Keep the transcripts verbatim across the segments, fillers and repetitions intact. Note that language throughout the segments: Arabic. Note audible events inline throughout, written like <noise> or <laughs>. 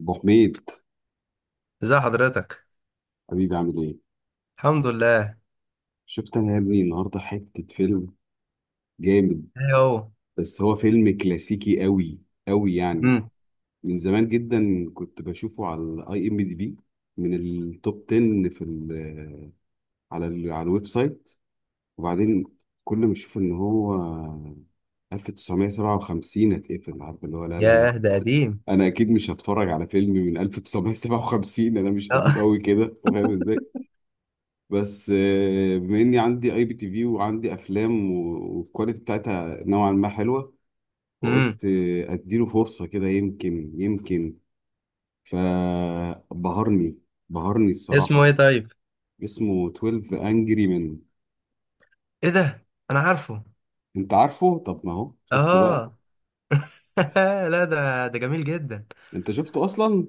ابو حميد، ازي حضرتك؟ حبيبي عامل ايه؟ الحمد لله. شفت انا يا ابني النهارده حته فيلم جامد. ايه هو؟ بس هو فيلم كلاسيكي قوي قوي يعني. امم. من زمان جدا كنت بشوفه على الاي ام دي بي، من التوب عشرة في ال على ال على الويب سايت. وبعدين كل ما اشوف ان هو ألف تسعمية سبعة وخمسين اتقفل، عارف اللي هو، لا لا ياه، لا، ده قديم. انا اكيد مش هتفرج على فيلم من ألف تسعمية سبعة وخمسين. انا مش قديم اه. قوي كده، انت فاهم ازاي. بس آه، بما اني عندي اي بي تي في وعندي افلام و- والكواليتي بتاعتها نوعا ما حلوه. <laughs> امم. فقلت آه، اديله فرصه كده، يمكن يمكن فبهرني بهرني اسمه ايه الصراحه. طيب؟ اسمه اتناشر انجري من ايه ده؟ انا عارفه. انت عارفه؟ طب ما هو شفت بقى. اه. <laughs> لا، ده ده جميل جدا. انت شفته اصلا؟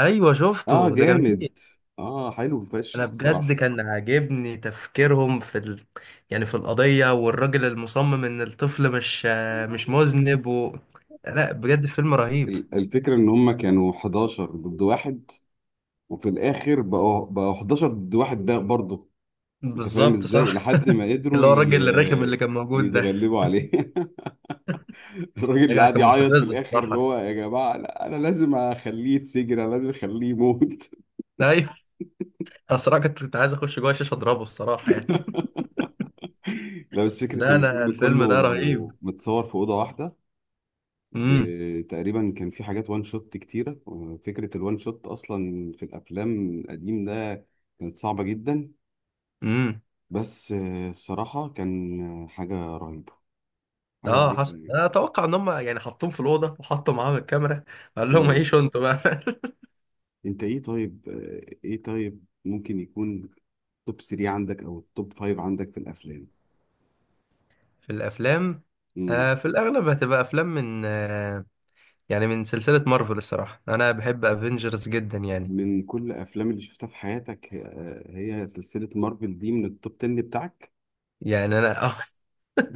ايوه اه شفته، ده جميل. جامد. اه حلو فشخ انا بجد الصراحه. كان عاجبني تفكيرهم في ال... يعني في القضيه، والراجل المصمم ان الطفل مش مش مذنب، و... لا بجد فيلم رهيب. ال- الفكرة إن هما كانوا حداشر ضد واحد، وفي الآخر بقوا بقوا أحد عشر ضد واحد ده برضه. انت فاهم بالظبط ازاي، صح. لحد ما <laughs> قدروا اللي هو الراجل الرخم اللي ي... كان موجود ده. يتغلبوا عليه <laughs> الراجل اللي ده قاعد كان يعيط في مستفز الاخر، اللي الصراحه. هو يا جماعه، لا انا لازم اخليه يتسجن، انا لازم اخليه يموت <laughs> أيوه. أنا الصراحة كنت كنت عايز أخش جوه الشاشة أضربه، الصراحة يعني. لا بس <laughs> فكره لا، ان أنا الفيلم الفيلم كله ده رهيب. متصور في اوضه واحده. امم. ب... تقريبا كان في حاجات وان شوت كتيره. فكره الوان شوت اصلا في الافلام القديم ده كانت صعبه جدا. امم. بس آه، الصراحه كان حاجه رهيبه، حاجه اه حصل، رهيبه. انا اتوقع ان هم يعني حطوهم في الاوضه وحطوا معاهم الكاميرا، قال لهم يعني عيشوا انتوا بقى. <laughs> انت ايه طيب، آه، ايه طيب ممكن يكون توب تلاتة عندك او التوب خمسة عندك في الافلام. في الافلام. مم. آه في الاغلب هتبقى افلام من آه يعني من سلسله مارفل الصراحه، انا بحب افنجرز جدا يعني. من كل الافلام اللي شفتها في حياتك، آه، هي سلسلة مارفل دي من التوب عشرة بتاعك؟ يعني انا،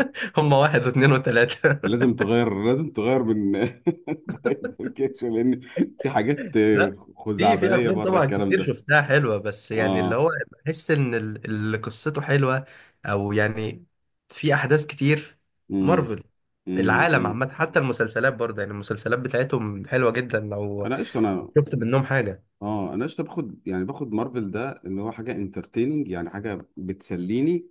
<laughs> هم واحد واثنين وثلاثه. <laughs> لازم تغير، لازم تغير من <laughs> طيب كده، لان في حاجات آه، لا، في في خزعبلية افلام بره طبعا الكلام كتير ده. شفتها حلوه، بس يعني اللي اه. هو بحس ان ال- اللي قصته حلوه، او يعني في احداث كتير. امم مارفل. امم العالم امم. عامه، حتى المسلسلات برضه يعني المسلسلات بتاعتهم حلوه جدا لو انا قشطه انا شفت منهم حاجه. اه انا قشطه، باخد يعني باخد مارفل ده اللي هو حاجه انترتيننج، يعني حاجه بتسليني،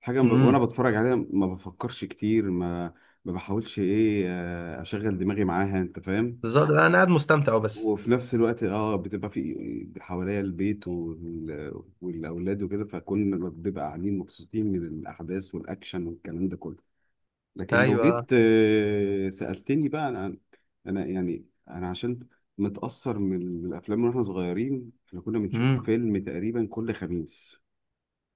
حاجة ب... وأنا امم. بتفرج عليها ما بفكرش كتير، ما ما بحاولش إيه، آه، أشغل دماغي معاها، أنت فاهم. بالظبط، لا، انا قاعد مستمتع بس. وفي نفس الوقت اه بتبقى في حواليا البيت وال... والأولاد وكده، فكلنا بنبقى قاعدين مبسوطين من الأحداث والأكشن والكلام ده كله. لكن لو ايوه. جيت آه، سألتني بقى أنا، أنا يعني أنا عشان متأثر من الأفلام وإحنا صغيرين. إحنا كنا بنشوف امم. فيلم تقريبا كل خميس.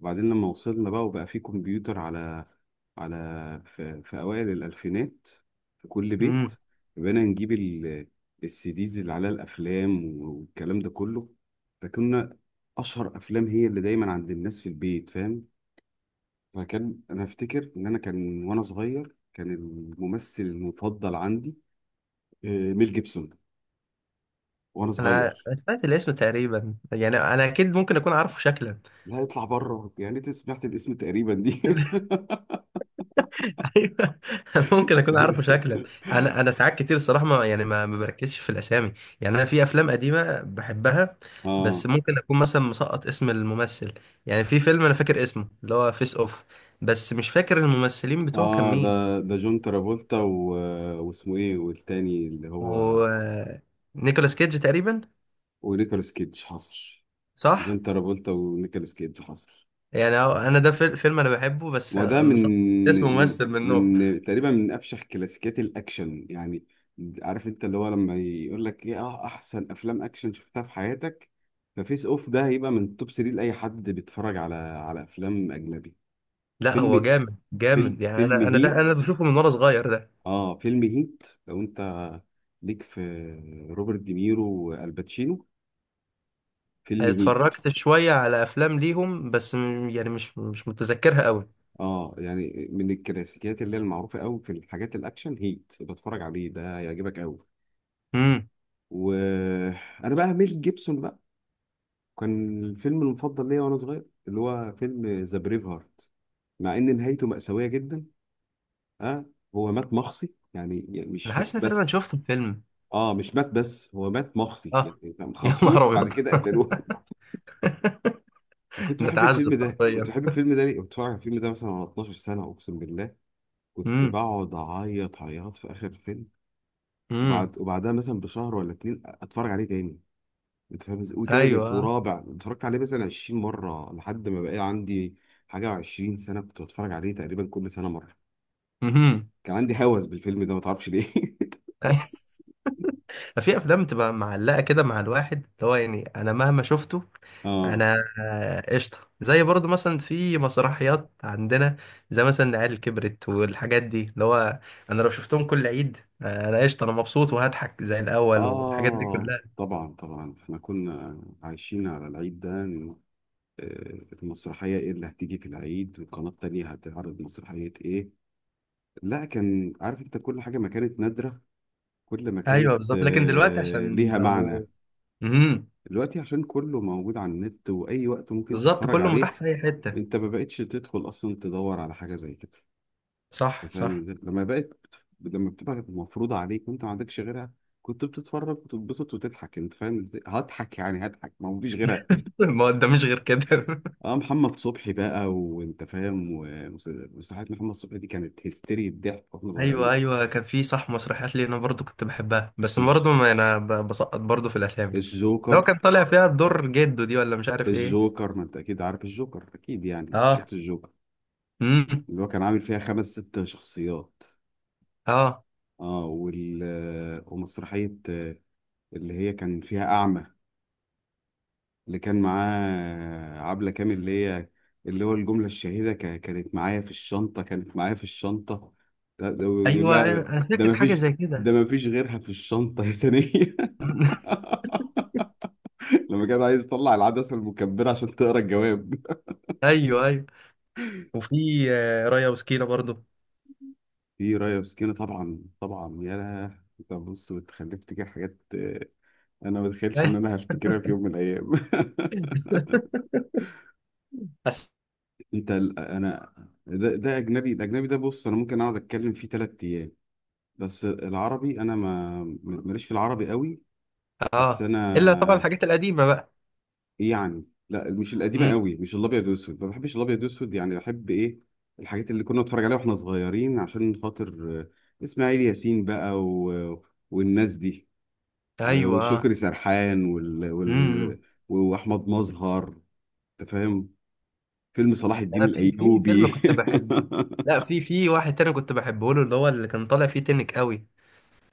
وبعدين لما وصلنا بقى وبقى في كمبيوتر على على في, في أوائل الألفينات في كل بيت. امم. بقينا نجيب ال- السي ديز اللي عليها الأفلام والكلام ده كله. فكنا أشهر أفلام هي اللي دايما عند الناس في البيت، فاهم. فكان أنا أفتكر إن أنا كان وأنا صغير كان الممثل المفضل عندي آه، ميل جيبسون وأنا انا صغير. أنا سمعت الاسم تقريبا، يعني انا اكيد ممكن اكون عارفه شكلا. لا يطلع بره، يعني أنت سمعت الاسم تقريبا دي <laughs> ايوه، <laughs> انا ممكن اكون عارفه شكلا. <laughs> انا انا ساعات كتير الصراحه ما يعني ما ما بركزش في الاسامي. يعني انا في افلام قديمه بحبها، بس اه ممكن اكون مثلا مسقط اسم الممثل. يعني في فيلم انا فاكر اسمه اللي هو فيس اوف، بس مش فاكر الممثلين بتوعه كان اه. ده مين. ده جون ترافولتا و... واسمه ايه والتاني اللي هو، و نيكولاس كيدج تقريبا. ونيكولاس كيدج حصل. صح. جون ترافولتا ونيكولاس كيدج حصل. يعني هو- انا ده فيل- فيلم انا بحبه، بس ما هو ده من مسقط اسم من ممثل من نوع. من تقريبا، من افشخ كلاسيكيات الاكشن يعني. عارف انت اللي هو لما يقول لك ايه، اه احسن افلام اكشن شفتها في حياتك، ففيس اوف ده هيبقى من توب تلاتة لاي حد بيتفرج على على افلام اجنبي. لا، هو فيلم جامد جامد، فيلم يعني فيلم انا انا ده انا هيت. بشوفه من وانا صغير. اه فيلم هيت، لو انت ليك في روبرت دينيرو والباتشينو، فيلم هيت. اتفرجت شوية على أفلام ليهم، بس م- يعني مش مش متذكرها قوي. اه يعني من الكلاسيكيات اللي هي المعروفه قوي في الحاجات الاكشن، هيت بتفرج عليه ده يعجبك قوي. امم. وانا بقى ميل جيبسون بقى كان الفيلم المفضل ليا وانا صغير، اللي هو فيلم ذا بريف هارت، مع ان نهايته مأساوية جدا. اه، هو مات مخصي يعني، يعني أنا مش مات حاسس إن أنا تقريبا بس. شفت الفيلم. اه مش مات بس، هو مات مخصي أه. يعني كان <laughs> يا خاصوه نهار بعد أبيض. كده قتلوه. <laughs> انا كنت بحب نتعذب الفيلم ده، كنت حرفيا. بحب الفيلم ده ليه؟ كنت بتفرج على الفيلم ده مثلا وانا اتناشر سنه، اقسم بالله كنت امم. بقعد اعيط عياط في اخر الفيلم. امم. وبعد وبعدها مثلا بشهر ولا اتنين اتفرج عليه تاني. انت فاهم ازاي، وتالت أيوه. ورابع، اتفرجت عليه مثلا عشرين مره لحد ما بقى عندي حاجه و20 سنه كنت بتفرج عليه تقريبا كل سنه مره. امم. كان عندي هوس بالفيلم ده، ما تعرفش ليه. <laughs> ففي افلام بتبقى معلقه كده مع الواحد، اللي هو يعني انا مهما شفته، <laughs> اه انا آه، قشطه، زي برضو مثلا في مسرحيات عندنا، زي مثلا العيال كبرت والحاجات دي، اللي هو انا لو شفتهم كل عيد آه، انا قشطه، انا مبسوط وهضحك زي الاول والحاجات دي اه. كلها. طبعا طبعا، احنا كنا عايشين على العيد ده. آه، المسرحية إيه اللي هتيجي في العيد، والقناة التانية هتعرض مسرحية إيه. لا كان عارف أنت كل حاجة، ما كانت نادرة، كل ما كانت ايوه بالظبط، لكن دلوقتي آه، عشان ليها بقوا. معنى. امم. دلوقتي عشان كله موجود على النت، وأي وقت ممكن بالظبط، تتفرج كله متاح عليه، في اي حته. أنت ما بقتش تدخل أصلا تدور على حاجة زي كده. صح أنت فاهم صح. إزاي؟ لما بقت لما بتبقى مفروضة عليك، وأنت ما عندكش غيرها، كنت بتتفرج وتتبسط وتضحك. أنت فاهم إزاي، هضحك يعني هضحك، ما هو فيش غيرها. <laughs> ما قداميش غير كده. <laughs> اه محمد صبحي بقى، وانت فاهم، ومسرحيات محمد صبحي دي كانت هيستيري، بضحك واحنا ايوه صغيرين. ايوه، كان في صح مسرحيات لي انا برضو كنت بحبها، بس الج... برضو ما انا ب- بسقط برضو في الاسامي. لو كان الجوكر، طالع فيها بدور جده دي ولا مش عارف ايه. الجوكر، ما انت اكيد عارف الجوكر، اكيد يعني، أكيد اه. شفت الجوكر. امم. اللي هو كان عامل فيها خمس ست شخصيات. اه. اه وال... ومسرحية، اللي هي كان فيها أعمى، اللي كان معاه عبلة كامل، اللي هي اللي هو الجملة الشهيرة، كا- كانت معايا في الشنطة، كانت معايا في الشنطة. ده- ده بيقول لها، ايوه، انا أنا ده فاكر حاجه مفيش، زي كده. ده مفيش غيرها في الشنطة يا سنية <laughs> <laughs> لما كان عايز يطلع العدسة المكبرة عشان تقرا الجواب. ايوه ايوه. وفي آه، رايا وسكينه برضو. <laughs> في رايا وسكينة طبعا طبعا، يا لهوي، انت بص بتخلي افتكر حاجات، آه، انا ما اتخيلش ان بس. انا هفتكرها في يوم من الايام <laughs> بس. انت ال- انا، ده, ده اجنبي، الاجنبي ده بص انا ممكن اقعد اتكلم فيه ثلاث، بس العربي انا ما ماليش في العربي قوي. بس اه، الا طبعا انا الحاجات القديمه بقى. إيه يعني، لا مش القديمه امم. قوي، مش الابيض واسود، ما بحبش الابيض واسود، يعني بحب ايه الحاجات اللي كنا نتفرج عليها واحنا صغيرين، عشان خاطر آه، اسماعيل ياسين بقى و... والناس دي، لو ايوه. اه. شكري سرحان وال... امم. وال... واحمد مظهر. انت فاهم، فيلم صلاح الدين انا في في فيلم الايوبي. كنت بحب. لا في في واحد تاني كنت بحبه، له اللي هو اللي كان طالع فيه تنك قوي.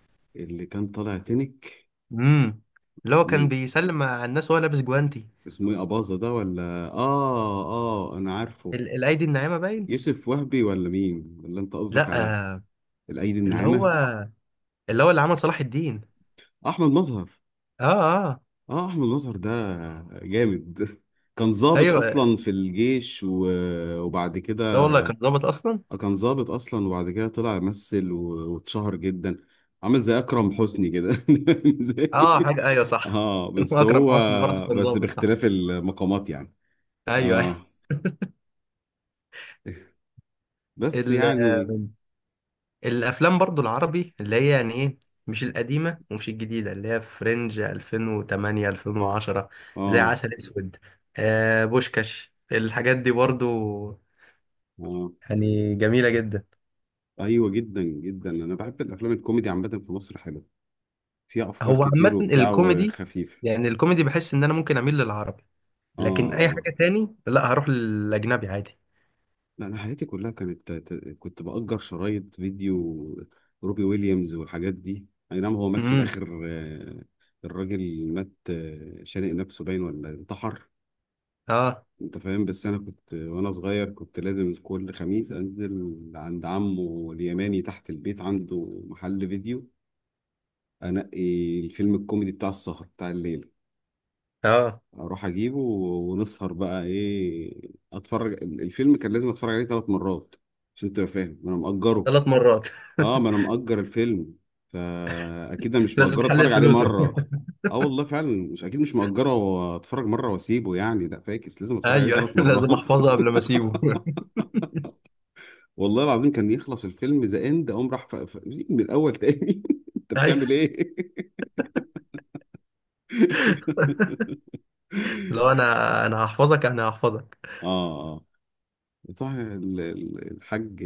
<laughs> اللي كان طالع تنك. امم. اللي هو كان مين، بيسلم على الناس وهو لابس جوانتي. اسمه ايه، اباظه ده ولا؟ اه، اه انا عارفه. ال- الايدي الناعمه باين. يوسف وهبي ولا مين، ولا انت قصدك لا. على آه، الايدي اللي هو، الناعمه، اللي هو اللي عمل صلاح الدين. احمد مظهر. اه. اه. اه احمد مظهر ده جامد <laughs> كان ضابط ايوه. اصلا في الجيش و- وبعد كده، لا والله كان ظابط اصلا. كان ضابط اصلا وبعد كده طلع يمثل و- واتشهر جدا. عامل زي اكرم حسني كده <laughs> زي. اه حاجه، ايوه صح. اه <laughs> بس واكرم هو، حسني برضه كان بس ظابط، صح. باختلاف المقامات يعني. ايوه أيوة. اه <laughs> بس ال... يعني. الافلام برضه العربي اللي هي يعني ايه، مش القديمه ومش الجديده، اللي هي فرنج ألفين وتمانية ألفين وعشرة، زي اه عسل اسود، آه بوشكاش الحاجات دي برضه، اه. يعني جميله جدا. ايوه جدا جدا، انا بحب الافلام الكوميدي عامه في مصر حلوه، فيها افكار هو كتير عامه وبتاع الكوميدي، وخفيفه. يعني الكوميدي بحس ان انا ممكن اميل للعربي، اه لكن اي اه. حاجه تاني لا هروح للاجنبي عادي. لا انا حياتي كلها كانت ت- كنت باجر شرايط فيديو، روبي ويليامز والحاجات دي، اي نعم هو مات في امم. الاخر، آه، الراجل مات آه، شانق نفسه باين ولا انتحر، اه. انت فاهم. بس انا كنت وانا صغير، كنت لازم كل خميس انزل عند عمه اليماني تحت البيت، عنده محل فيديو، انقي الفيلم الكوميدي بتاع السهر بتاع الليل، اه. اروح اجيبه ونسهر بقى ايه. اتفرج الفيلم، كان لازم اتفرج عليه ثلاث مرات عشان تبقى فاهم، ما انا مأجره. ثلاث مرات. اه، ما انا <laughs> مأجر الفيلم، فاكيد انا مش لازم مأجره تحلل اتفرج عليه فلوسه. مره. اه والله فعلا، مش اكيد مش مأجره واتفرج مره واسيبه، يعني لا فاكس لازم <laughs> اتفرج عليه ايوه، ثلاث <laughs> لازم مرات احفظه قبل ما اسيبه. <laughs> والله العظيم، كان يخلص الفيلم ذا اند اقوم راح ف... ف... من الاول تاني <laughs> انت <laughs> بتعمل ايوه. ايه <laughs> لو انا، انا هحفظك انا هحفظك. اه اه صح، ال- ال- الحاج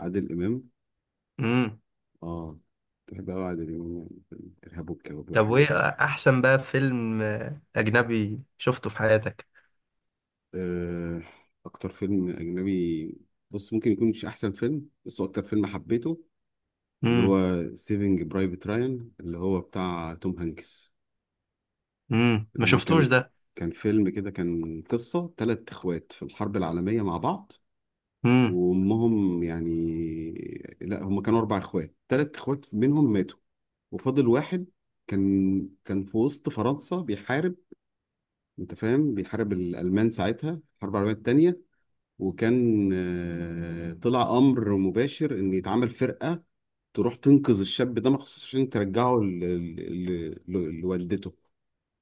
عادل امام. امم. اه بحب أوي عادل إمام يعني في الإرهاب والكباب طب والحاجات وايه دي. احسن بقى فيلم اجنبي شفته في حياتك؟ آه، أكتر فيلم أجنبي، بص ممكن يكون مش أحسن فيلم بس هو أكتر فيلم حبيته، اللي هو امم. سيفينج برايفت رايان اللي هو بتاع توم هانكس. امم، ما اللي هما شفتوش كان، ده. كان فيلم كده، كان قصة تلات إخوات في الحرب العالمية مع بعض، امم. وأمهم يعني، لا هما كانوا أربع إخوات، تلات إخوات منهم ماتوا وفاضل واحد. كان كان في وسط فرنسا بيحارب، انت فاهم، بيحارب الالمان ساعتها الحرب العالميه الثانيه. وكان آه، طلع امر مباشر ان يتعمل فرقه تروح تنقذ الشاب ده مخصوص عشان ترجعه ل- ل- ل- لوالدته،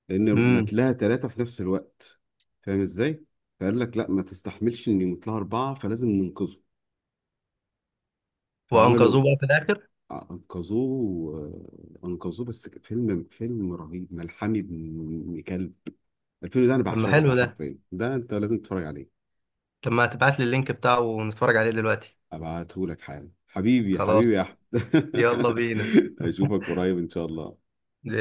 لان امم. ماتلها ثلاثه في نفس الوقت. فاهم ازاي، فقال لك لا ما تستحملش ان يموت لها اربعه فلازم ننقذه. فعملوا، وانقذوه بقى في الاخر. آه، انقذوه، آه، انقذوه. بس فيلم فيلم رهيب ملحمي ابن كلب. الفيلم ده انا طب ما بعشقه بقى حلو ده. حرفيا، ده انت لازم تتفرج عليه. طب ما هتبعت لي اللينك بتاعه ونتفرج عليه دلوقتي. ابعتهولك حالا حبيبي، حبيبي خلاص. يا احمد يلا بينا. <laughs> اشوفك قريب ان شاء الله.